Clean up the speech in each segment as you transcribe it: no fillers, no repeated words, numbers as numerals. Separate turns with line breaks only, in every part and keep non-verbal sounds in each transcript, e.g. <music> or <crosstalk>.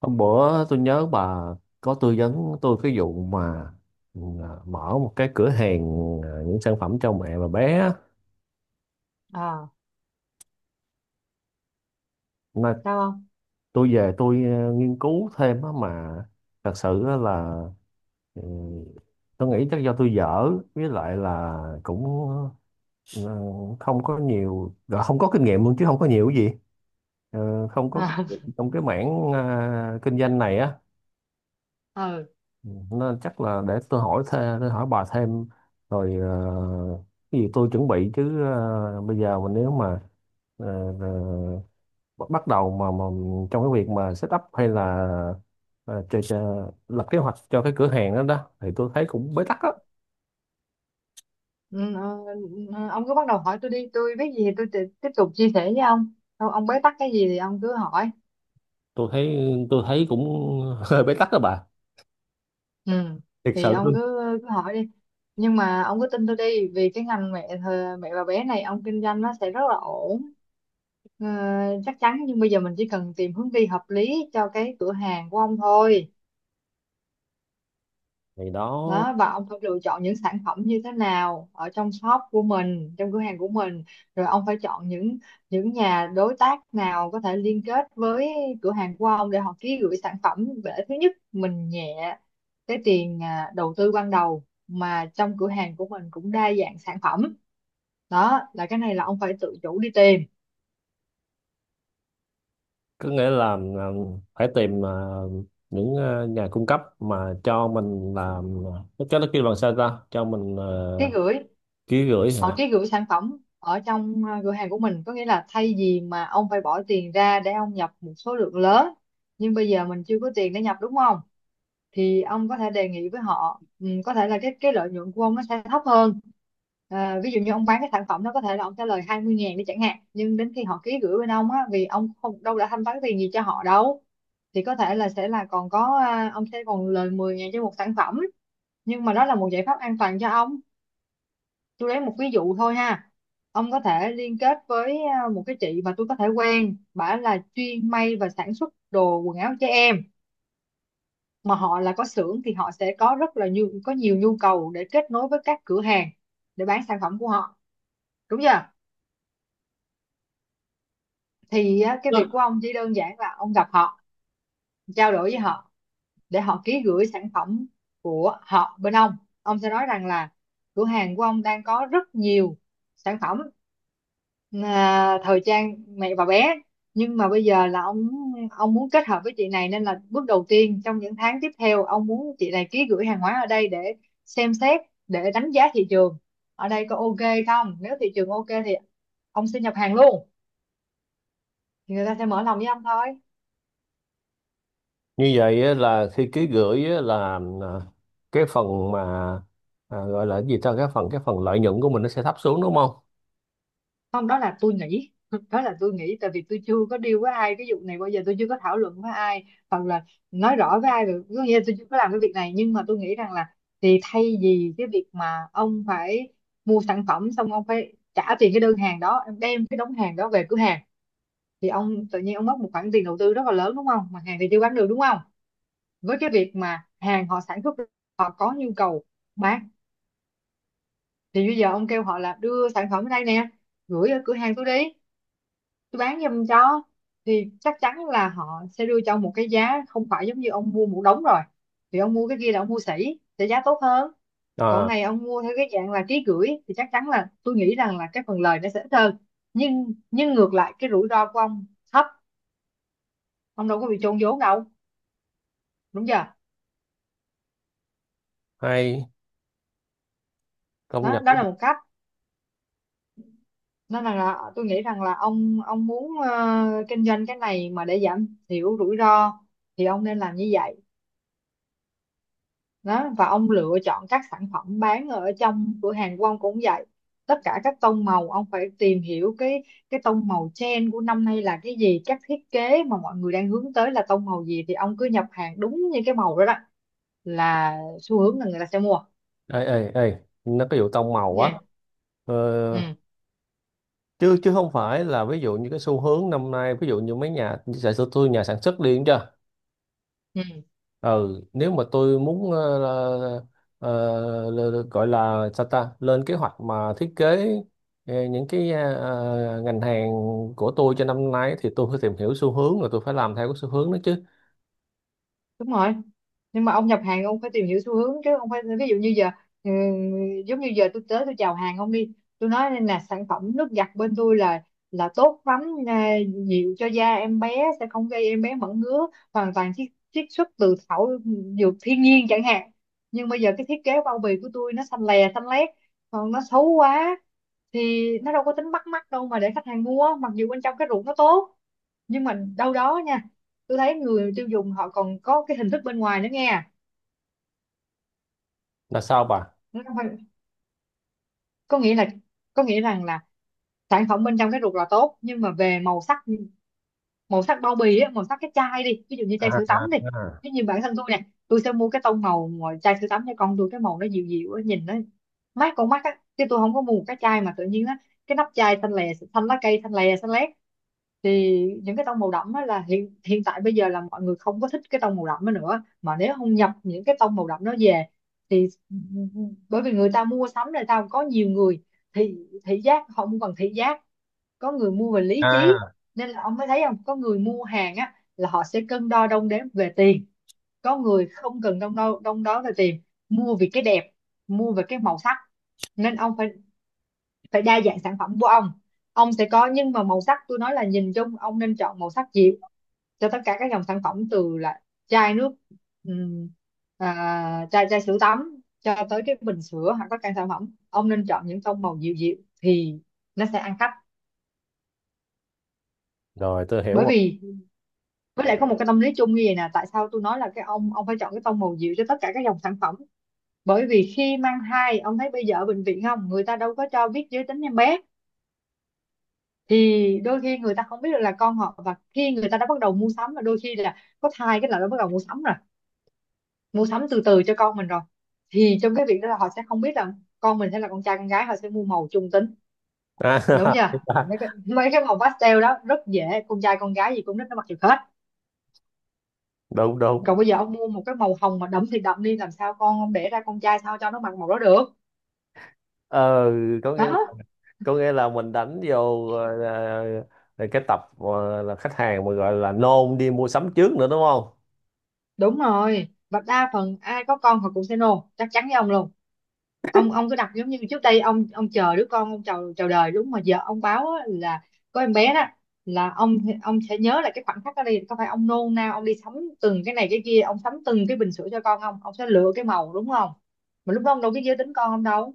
Hôm bữa tôi nhớ bà có tư vấn tôi cái vụ mà mở một cái cửa hàng, những sản phẩm cho mẹ và bé á.
À.
Mà
Sao không?
tôi về nghiên cứu thêm á, mà thật sự á là, ừ, tôi nghĩ chắc do tôi dở, với lại là cũng ờ, không có nhiều, gọi không có kinh nghiệm luôn, chứ không có nhiều cái gì. Không có kinh
À,
nghiệm trong cái mảng kinh doanh này á.
<laughs> ừ,
Ừ, nên chắc là để tôi hỏi thêm, tôi hỏi bà thêm. Rồi cái gì tôi chuẩn bị, chứ bây giờ mà nếu mà ờ, ờ, bắt đầu mà trong cái việc mà set up, hay là ờ, cho, cho, lập kế hoạch cho cái cửa hàng đó đó, thì tôi thấy cũng bế tắc á.
ừ, ừ, ông cứ bắt đầu hỏi tôi đi. Tôi biết gì thì tôi tiếp tục chia sẻ với ông. Ông bế tắc cái gì thì ông cứ hỏi.
Tôi thấy tôi thấy cũng <laughs> hơi bế tắc đó bà,
Ừ.
thiệt
Thì
sự
ông
luôn.
cứ cứ hỏi đi, nhưng mà ông cứ tin tôi đi vì cái ngành mẹ mẹ và bé này ông kinh doanh nó sẽ rất là ổn. Ờ, Chắc chắn. Nhưng bây giờ mình chỉ cần tìm hướng đi hợp lý cho cái cửa hàng của ông thôi.
Thì đó,
Đó, và ông phải lựa chọn những sản phẩm như thế nào ở trong shop của mình, trong cửa hàng của mình. Rồi ông phải chọn những nhà đối tác nào có thể liên kết với cửa hàng của ông để họ ký gửi sản phẩm, để thứ nhất mình nhẹ cái tiền đầu tư ban đầu, mà trong cửa hàng của mình cũng đa dạng sản phẩm. Đó là cái này là ông phải tự chủ đi tìm.
có nghĩa là phải tìm những nhà cung cấp mà cho mình làm, nó cho nó kêu bằng sao ta, cho mình
Ký gửi.
ký gửi
Họ
hả?
cái gửi sản phẩm ở trong cửa hàng của mình, có nghĩa là thay vì mà ông phải bỏ tiền ra để ông nhập một số lượng lớn, nhưng bây giờ mình chưa có tiền để nhập, đúng không? Thì ông có thể đề nghị với họ, có thể là cái lợi nhuận của ông nó sẽ thấp hơn. Ví dụ như ông bán cái sản phẩm đó có thể là ông trả lời 20.000 đi chẳng hạn, nhưng đến khi họ ký gửi bên ông á, vì ông không đâu đã thanh toán tiền gì cho họ đâu, thì có thể là sẽ là còn có ông sẽ còn lời 10.000 cho một sản phẩm. Nhưng mà đó là một giải pháp an toàn cho ông. Tôi lấy một ví dụ thôi ha. Ông có thể liên kết với một cái chị mà tôi có thể quen, bả là chuyên may và sản xuất đồ quần áo trẻ em, mà họ là có xưởng thì họ sẽ có rất là nhiều, có nhiều nhu cầu để kết nối với các cửa hàng để bán sản phẩm của họ, đúng chưa? Thì á, cái việc
Vâng.
của ông chỉ đơn giản là ông gặp họ, trao đổi với họ để họ ký gửi sản phẩm của họ bên ông. Ông sẽ nói rằng là cửa hàng của ông đang có rất nhiều sản phẩm thời trang mẹ và bé, nhưng mà bây giờ là ông muốn kết hợp với chị này, nên là bước đầu tiên trong những tháng tiếp theo ông muốn chị này ký gửi hàng hóa ở đây để xem xét, để đánh giá thị trường ở đây có ok không. Nếu thị trường ok thì ông sẽ nhập hàng luôn. Thì người ta sẽ mở lòng với ông thôi.
Như vậy á, là khi ký gửi á, là cái phần mà, à, gọi là cái gì ta, cái phần lợi nhuận của mình nó sẽ thấp xuống đúng không?
Không, đó là tôi nghĩ <laughs> đó là tôi nghĩ tại vì tôi chưa có deal với ai cái vụ này bao giờ, tôi chưa có thảo luận với ai hoặc là nói rõ với ai được, có nghĩa là tôi chưa có làm cái việc này, nhưng mà tôi nghĩ rằng là thì thay vì cái việc mà ông phải mua sản phẩm xong ông phải trả tiền cái đơn hàng đó, em đem cái đống hàng đó về cửa hàng, thì ông tự nhiên ông mất một khoản tiền đầu tư rất là lớn, đúng không? Mà hàng thì chưa bán được, đúng không? Với cái việc mà hàng họ sản xuất, họ có nhu cầu bán, thì bây giờ ông kêu họ là đưa sản phẩm ở đây nè, gửi ở cửa hàng tôi đi, tôi bán giùm cho, thì chắc chắn là họ sẽ đưa cho ông một cái giá không phải giống như ông mua một đống rồi. Vì ông mua cái kia là ông mua sỉ sẽ giá tốt hơn, còn
À,
này ông mua theo cái dạng là ký gửi thì chắc chắn là tôi nghĩ rằng là cái phần lời nó sẽ ít hơn, nhưng ngược lại cái rủi ro của ông thấp, ông đâu có bị chôn vốn đâu, đúng chưa?
hay, công
Đó,
nhận.
đó là một cách. Nên là tôi nghĩ rằng là ông muốn kinh doanh cái này mà để giảm thiểu rủi ro thì ông nên làm như vậy. Đó, và ông lựa chọn các sản phẩm bán ở trong cửa hàng của ông cũng vậy. Tất cả các tông màu ông phải tìm hiểu cái tông màu trend của năm nay là cái gì, các thiết kế mà mọi người đang hướng tới là tông màu gì thì ông cứ nhập hàng đúng như cái màu đó đó, là xu hướng, là người ta sẽ mua.
Ê, ê, ê, nó có vụ tông màu á?
Như.
ờ,
Ừ.
Chứ chứ không phải là ví dụ như cái xu hướng năm nay, ví dụ như mấy nhà sản xuất, tôi nhà sản xuất đi chưa.
Ừ,
Ừ, nếu mà tôi muốn ờ, gọi là sao ta, lên kế hoạch mà thiết kế những cái ngành hàng của tôi cho năm nay, thì tôi phải tìm hiểu xu hướng, rồi tôi phải làm theo cái xu hướng đó chứ.
đúng rồi, nhưng mà ông nhập hàng ông phải tìm hiểu xu hướng chứ, ông phải ví dụ như giờ ừ, giống như giờ tôi tới tôi chào hàng ông đi, tôi nói là sản phẩm nước giặt bên tôi là tốt lắm, à, dịu cho da em bé, sẽ không gây em bé mẩn ngứa, hoàn toàn chiết chiết xuất từ thảo dược thiên nhiên chẳng hạn, nhưng bây giờ cái thiết kế bao bì của tôi nó xanh lè xanh lét, còn nó xấu quá, thì nó đâu có tính bắt mắt đâu mà để khách hàng mua, mặc dù bên trong cái ruột nó tốt. Nhưng mà đâu đó nha, tôi thấy người tiêu dùng họ còn có cái hình thức bên ngoài nữa nghe.
Là sao bà?
Nó không phải- Có nghĩa là, có nghĩa rằng là sản phẩm bên trong cái ruột là tốt, nhưng mà về màu sắc, màu sắc bao bì á, màu sắc cái chai đi, ví dụ như chai
À,
sữa
à,
tắm đi.
à.
Ví dụ như bản thân tôi nè, tôi sẽ mua cái tông màu mà chai sữa tắm cho con tôi cái màu nó dịu dịu á, nhìn nó mát con mắt á, chứ tôi không có mua một cái chai mà tự nhiên á cái nắp chai xanh lè xanh lá cây, xanh lè xanh lét. Thì những cái tông màu đậm á là hiện hiện tại bây giờ là mọi người không có thích cái tông màu đậm đó nữa, mà nếu không nhập những cái tông màu đậm đó về thì ừ, bởi vì người ta mua sắm, người ta có nhiều người thị thị giác, họ không cần thị giác, có người mua về lý trí.
À,
Nên là ông mới thấy không, có người mua hàng á là họ sẽ cân đo đong đếm về tiền, có người không cần đong đo về tiền, mua vì cái đẹp, mua về cái màu sắc. Nên ông phải phải đa dạng sản phẩm của ông sẽ có nhưng mà màu sắc, tôi nói là nhìn chung ông nên chọn màu sắc dịu cho tất cả các dòng sản phẩm, từ là chai nước, ừm, chai chai sữa tắm cho tới cái bình sữa hoặc tất cả sản phẩm ông nên chọn những tông màu dịu dịu thì nó sẽ ăn khách.
rồi tôi hiểu
Bởi
rồi.
vì, với lại có một cái tâm lý chung như vậy nè, tại sao tôi nói là cái ông phải chọn cái tông màu dịu cho tất cả các dòng sản phẩm, bởi vì khi mang thai ông thấy bây giờ ở bệnh viện không, người ta đâu có cho biết giới tính em bé. Thì đôi khi người ta không biết được là con họ, và khi người ta đã bắt đầu mua sắm, và đôi khi là có thai cái là đã bắt đầu mua sắm rồi, mua sắm từ từ cho con mình rồi. Thì trong cái việc đó là họ sẽ không biết là con mình sẽ là con trai con gái, họ sẽ mua màu trung tính, đúng
À,
chưa?
<laughs>
Mấy cái màu pastel đó rất dễ, con trai con gái gì cũng rất nó mặc được hết.
đúng
Còn
đúng.
bây giờ ông mua một cái màu hồng mà đậm thì đậm đi, làm sao con ông đẻ ra con trai sao cho nó mặc màu đó được.
Ờ, có
Đó,
nghĩa là, có nghĩa là mình đánh vô cái tập là khách hàng mà gọi là nôn đi mua sắm trước nữa đúng không?
đúng rồi, và đa phần ai có con họ cũng sẽ nôn, chắc chắn với ông luôn. Ông cứ đặt giống như trước đây ông chờ đứa con, ông chờ chờ đời đúng mà giờ ông báo á, là có em bé đó là ông sẽ nhớ lại cái khoảnh khắc đó đi, có phải ông nôn nao ông đi sắm từng cái này cái kia, ông sắm từng cái bình sữa cho con không, ông sẽ lựa cái màu, đúng không? Mà lúc đó ông đâu biết giới tính con ông đâu.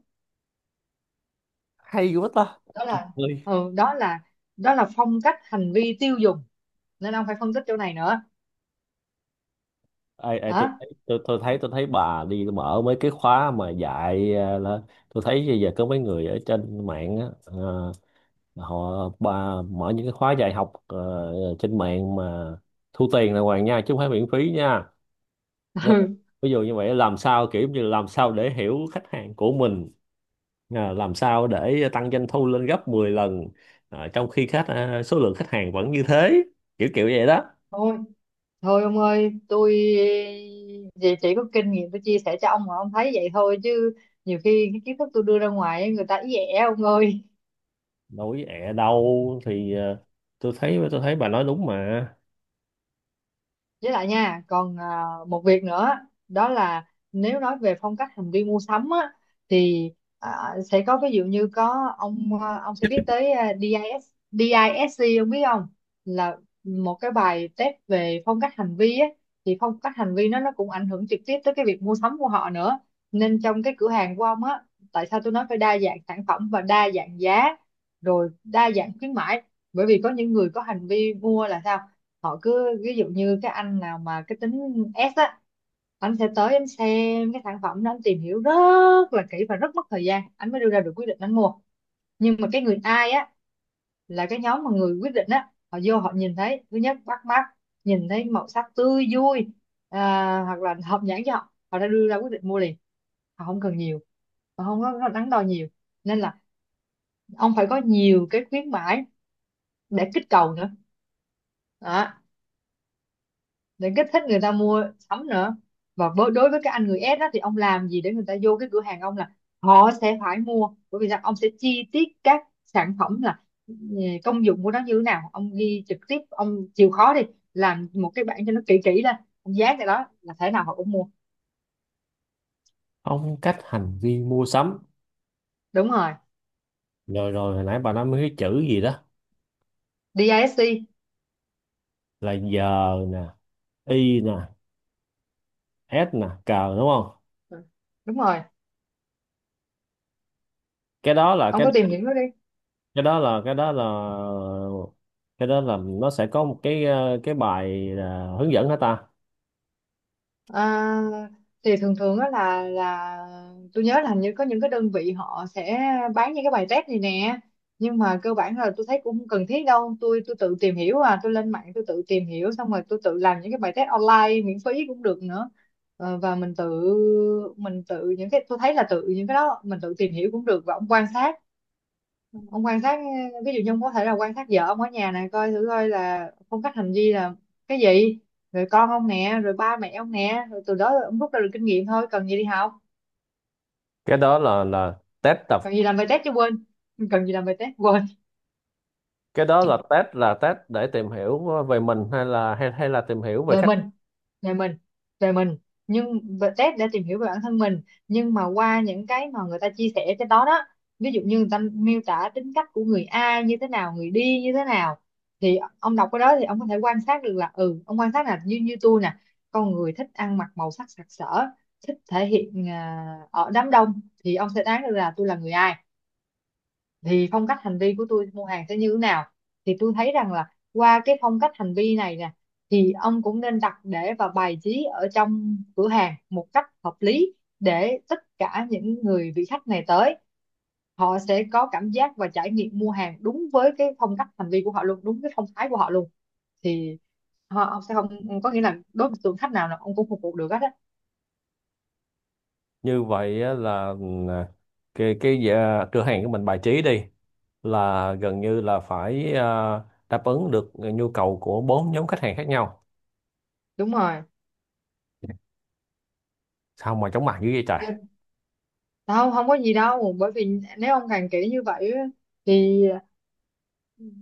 Hay quá ta.
Đó là ừ, đó là đó là phong cách hành vi tiêu dùng, nên ông phải phân tích chỗ này nữa.
Ai ai, tôi
Hả?
thấy tôi, tôi thấy tôi thấy bà đi mở mấy cái khóa mà dạy là, tôi thấy bây giờ có mấy người ở trên mạng á, ờ, họ bà mở những cái khóa dạy học trên mạng mà thu tiền đàng hoàng nha, chứ không phải miễn phí nha. Nó-
Ừ. <laughs>
ví dụ như vậy, làm sao, kiểu như làm sao để hiểu khách hàng của mình, à, làm sao để tăng doanh thu lên gấp 10 lần, à, trong khi khách, à, số lượng khách hàng vẫn như thế, kiểu kiểu vậy đó.
thôi thôi ông ơi, tôi chỉ có kinh nghiệm tôi chia sẻ cho ông mà ông thấy vậy thôi, chứ nhiều khi cái kiến thức tôi đưa ra ngoài ấy, người ta ý ẻ ông ơi.
Nói ẻ đâu, thì tôi thấy, tôi thấy bà nói đúng mà.
Với lại nha, còn một việc nữa. Đó là nếu nói về phong cách hành vi mua sắm á, thì sẽ có ví dụ như có ông, ông sẽ biết tới DIS, DISC, ông biết không? Là một cái bài test về phong cách hành vi á. Thì phong cách hành vi nó cũng ảnh hưởng trực tiếp tới cái việc mua sắm của họ nữa. Nên trong cái cửa hàng của ông á, tại sao tôi nói phải đa dạng sản phẩm và đa dạng giá, rồi đa dạng khuyến mãi? Bởi vì có những người có hành vi mua là sao, họ cứ ví dụ như cái anh nào mà cái tính S á, anh sẽ tới anh xem cái sản phẩm đó, anh tìm hiểu rất là kỹ và rất mất thời gian anh mới đưa ra được quyết định anh mua. Nhưng mà cái người ai á, là cái nhóm mà người quyết định á, họ vô họ nhìn thấy thứ nhất bắt mắt, nhìn thấy màu sắc tươi vui, à, hoặc là hợp nhãn cho họ, họ đã đưa ra quyết định mua liền. Họ không cần nhiều, họ không có đắn đo nhiều. Nên là ông phải có nhiều cái khuyến mãi để kích cầu nữa. Đó. Để kích thích người ta mua sắm nữa. Và với đối với cái anh người S đó, thì ông làm gì để người ta vô cái cửa hàng ông là họ sẽ phải mua? Bởi vì rằng ông sẽ chi tiết các sản phẩm là ừ, công dụng của nó như thế nào, ông ghi trực tiếp, ông chịu khó đi làm một cái bảng cho nó kỹ kỹ lên, ông dán cái đó là thế nào họ cũng mua.
Phong cách hành vi mua sắm.
Đúng rồi,
Rồi rồi, hồi nãy bà nói mấy cái chữ gì đó,
đê I DISC.
là giờ nè, y nè, s nè, cờ, đúng không?
Ừ, đúng rồi,
cái đó là
ông
cái
có tìm hiểu nó đi.
cái đó là cái đó là, cái đó là nó sẽ có một cái cái bài là hướng dẫn hả ta?
À, thì thường thường á là tôi nhớ là hình như có những cái đơn vị họ sẽ bán những cái bài test này nè. Nhưng mà cơ bản là tôi thấy cũng không cần thiết đâu, tôi tự tìm hiểu, à tôi lên mạng tôi tự tìm hiểu, xong rồi tôi tự làm những cái bài test online miễn phí cũng được nữa. Ờ, và mình tự những cái tôi thấy là tự những cái đó mình tự tìm hiểu cũng được. Và ông quan sát, ông quan sát, ví dụ như ông có thể là quan sát vợ ông ở nhà này, coi thử coi là phong cách hành vi là cái gì, rồi con ông nè, rồi ba mẹ ông nè, rồi từ đó ông rút ra được kinh nghiệm thôi, cần gì đi học,
Cái đó là test tập,
cần gì làm bài test chứ, quên, cần gì làm bài test, quên.
cái đó là test, là test để tìm hiểu về mình, hay là, hay hay là tìm hiểu về
Đời
khách?
mình, về mình, về mình, nhưng về test để tìm hiểu về bản thân mình. Nhưng mà qua những cái mà người ta chia sẻ trên đó đó, ví dụ như người ta miêu tả tính cách của người A như thế nào, người đi như thế nào, thì ông đọc cái đó thì ông có thể quan sát được là ừ, ông quan sát là như như tôi nè, con người thích ăn mặc màu sắc sặc sỡ, thích thể hiện ở đám đông, thì ông sẽ đoán được là tôi là người ai, thì phong cách hành vi của tôi mua hàng sẽ như thế nào. Thì tôi thấy rằng là qua cái phong cách hành vi này nè, thì ông cũng nên đặt để và bài trí ở trong cửa hàng một cách hợp lý, để tất cả những người vị khách này tới, họ sẽ có cảm giác và trải nghiệm mua hàng đúng với cái phong cách hành vi của họ luôn, đúng cái phong thái của họ luôn. Thì họ, ông sẽ không, có nghĩa là đối với tượng khách nào là ông cũng phục vụ được hết á.
Như vậy á là, ừ, cái à, cửa hàng của mình bài trí đi là gần như là phải, à, đáp ứng được nhu cầu của bốn nhóm khách hàng khác nhau.
Đúng rồi.
Sao mà chóng mặt dữ vậy
Chứ-
trời.
không không có gì đâu, bởi vì nếu ông càng kỹ như vậy á, thì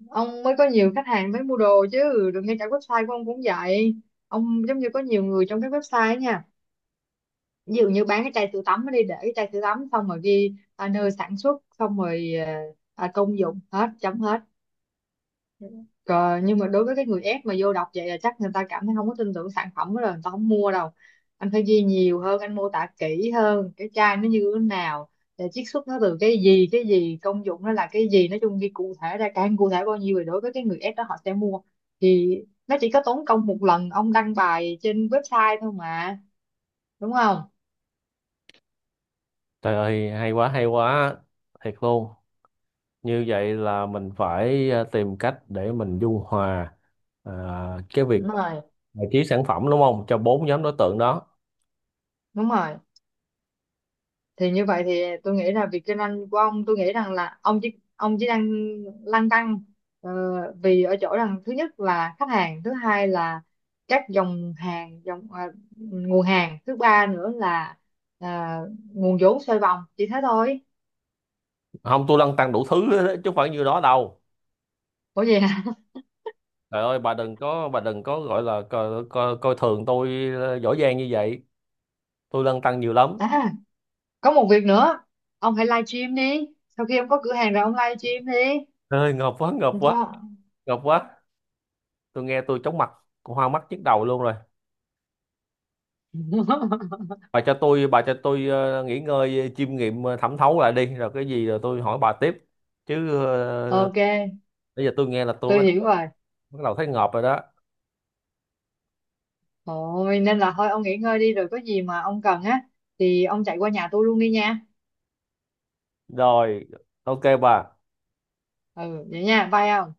ông mới có nhiều khách hàng mới mua đồ chứ. Đừng, ngay cả website của ông cũng vậy, ông giống như có nhiều người trong cái website ấy nha. Ví dụ như bán cái chai sữa tắm ở đi, để cái chai sữa tắm xong rồi ghi nơi sản xuất, xong rồi công dụng, hết chấm hết. Cờ, nhưng mà đối với cái người ép mà vô đọc vậy là chắc người ta cảm thấy không có tin tưởng sản phẩm đó rồi, người ta không mua đâu. Anh phải ghi nhiều hơn, anh mô tả kỹ hơn cái chai nó như thế nào, để chiết xuất nó từ cái gì cái gì, công dụng nó là cái gì, nói chung ghi cụ thể ra, càng cụ thể bao nhiêu thì đối với cái người ép đó họ sẽ mua. Thì nó chỉ có tốn công một lần ông đăng bài trên website thôi mà, đúng không?
Trời ơi, hay quá, hay quá, thiệt luôn. Như vậy là mình phải, à, tìm cách để mình dung hòa, à, cái việc
Đúng rồi,
bài trí sản phẩm đúng không, cho bốn nhóm đối tượng đó.
đúng rồi. Thì như vậy thì tôi nghĩ là việc kinh doanh của ông, tôi nghĩ rằng là ông chỉ đang lăn tăn ờ, vì ở chỗ rằng thứ nhất là khách hàng, thứ hai là các dòng hàng, dòng nguồn hàng, thứ ba nữa là à, nguồn vốn xoay vòng, chỉ thế thôi.
Không, tôi lăn tăn đủ thứ hết á, chứ không phải như đó đâu.
Ủa vậy hả?
Trời ơi, bà đừng có gọi là coi thường tôi giỏi giang như vậy. Tôi lăn tăn nhiều
<laughs>
lắm.
À, có một việc nữa, ông hãy live stream đi, sau khi ông có cửa hàng rồi ông live stream đi.
Trời ơi ngợp quá, ngợp
Được
quá,
chưa?
ngợp quá. Tôi nghe tôi chóng mặt, hoa mắt nhức đầu luôn rồi.
<laughs>
Bà cho tôi nghỉ ngơi chiêm nghiệm, thẩm thấu lại đi, rồi cái gì rồi tôi hỏi bà tiếp. Chứ
Ok,
bây giờ tôi nghe là tôi
tôi hiểu rồi.
bắt đầu thấy ngợp rồi đó.
Thôi nên là thôi ông nghỉ ngơi đi, rồi có gì mà ông cần á thì ông chạy qua nhà tôi luôn đi nha.
Rồi, ok bà.
Ừ vậy nha, bye ông.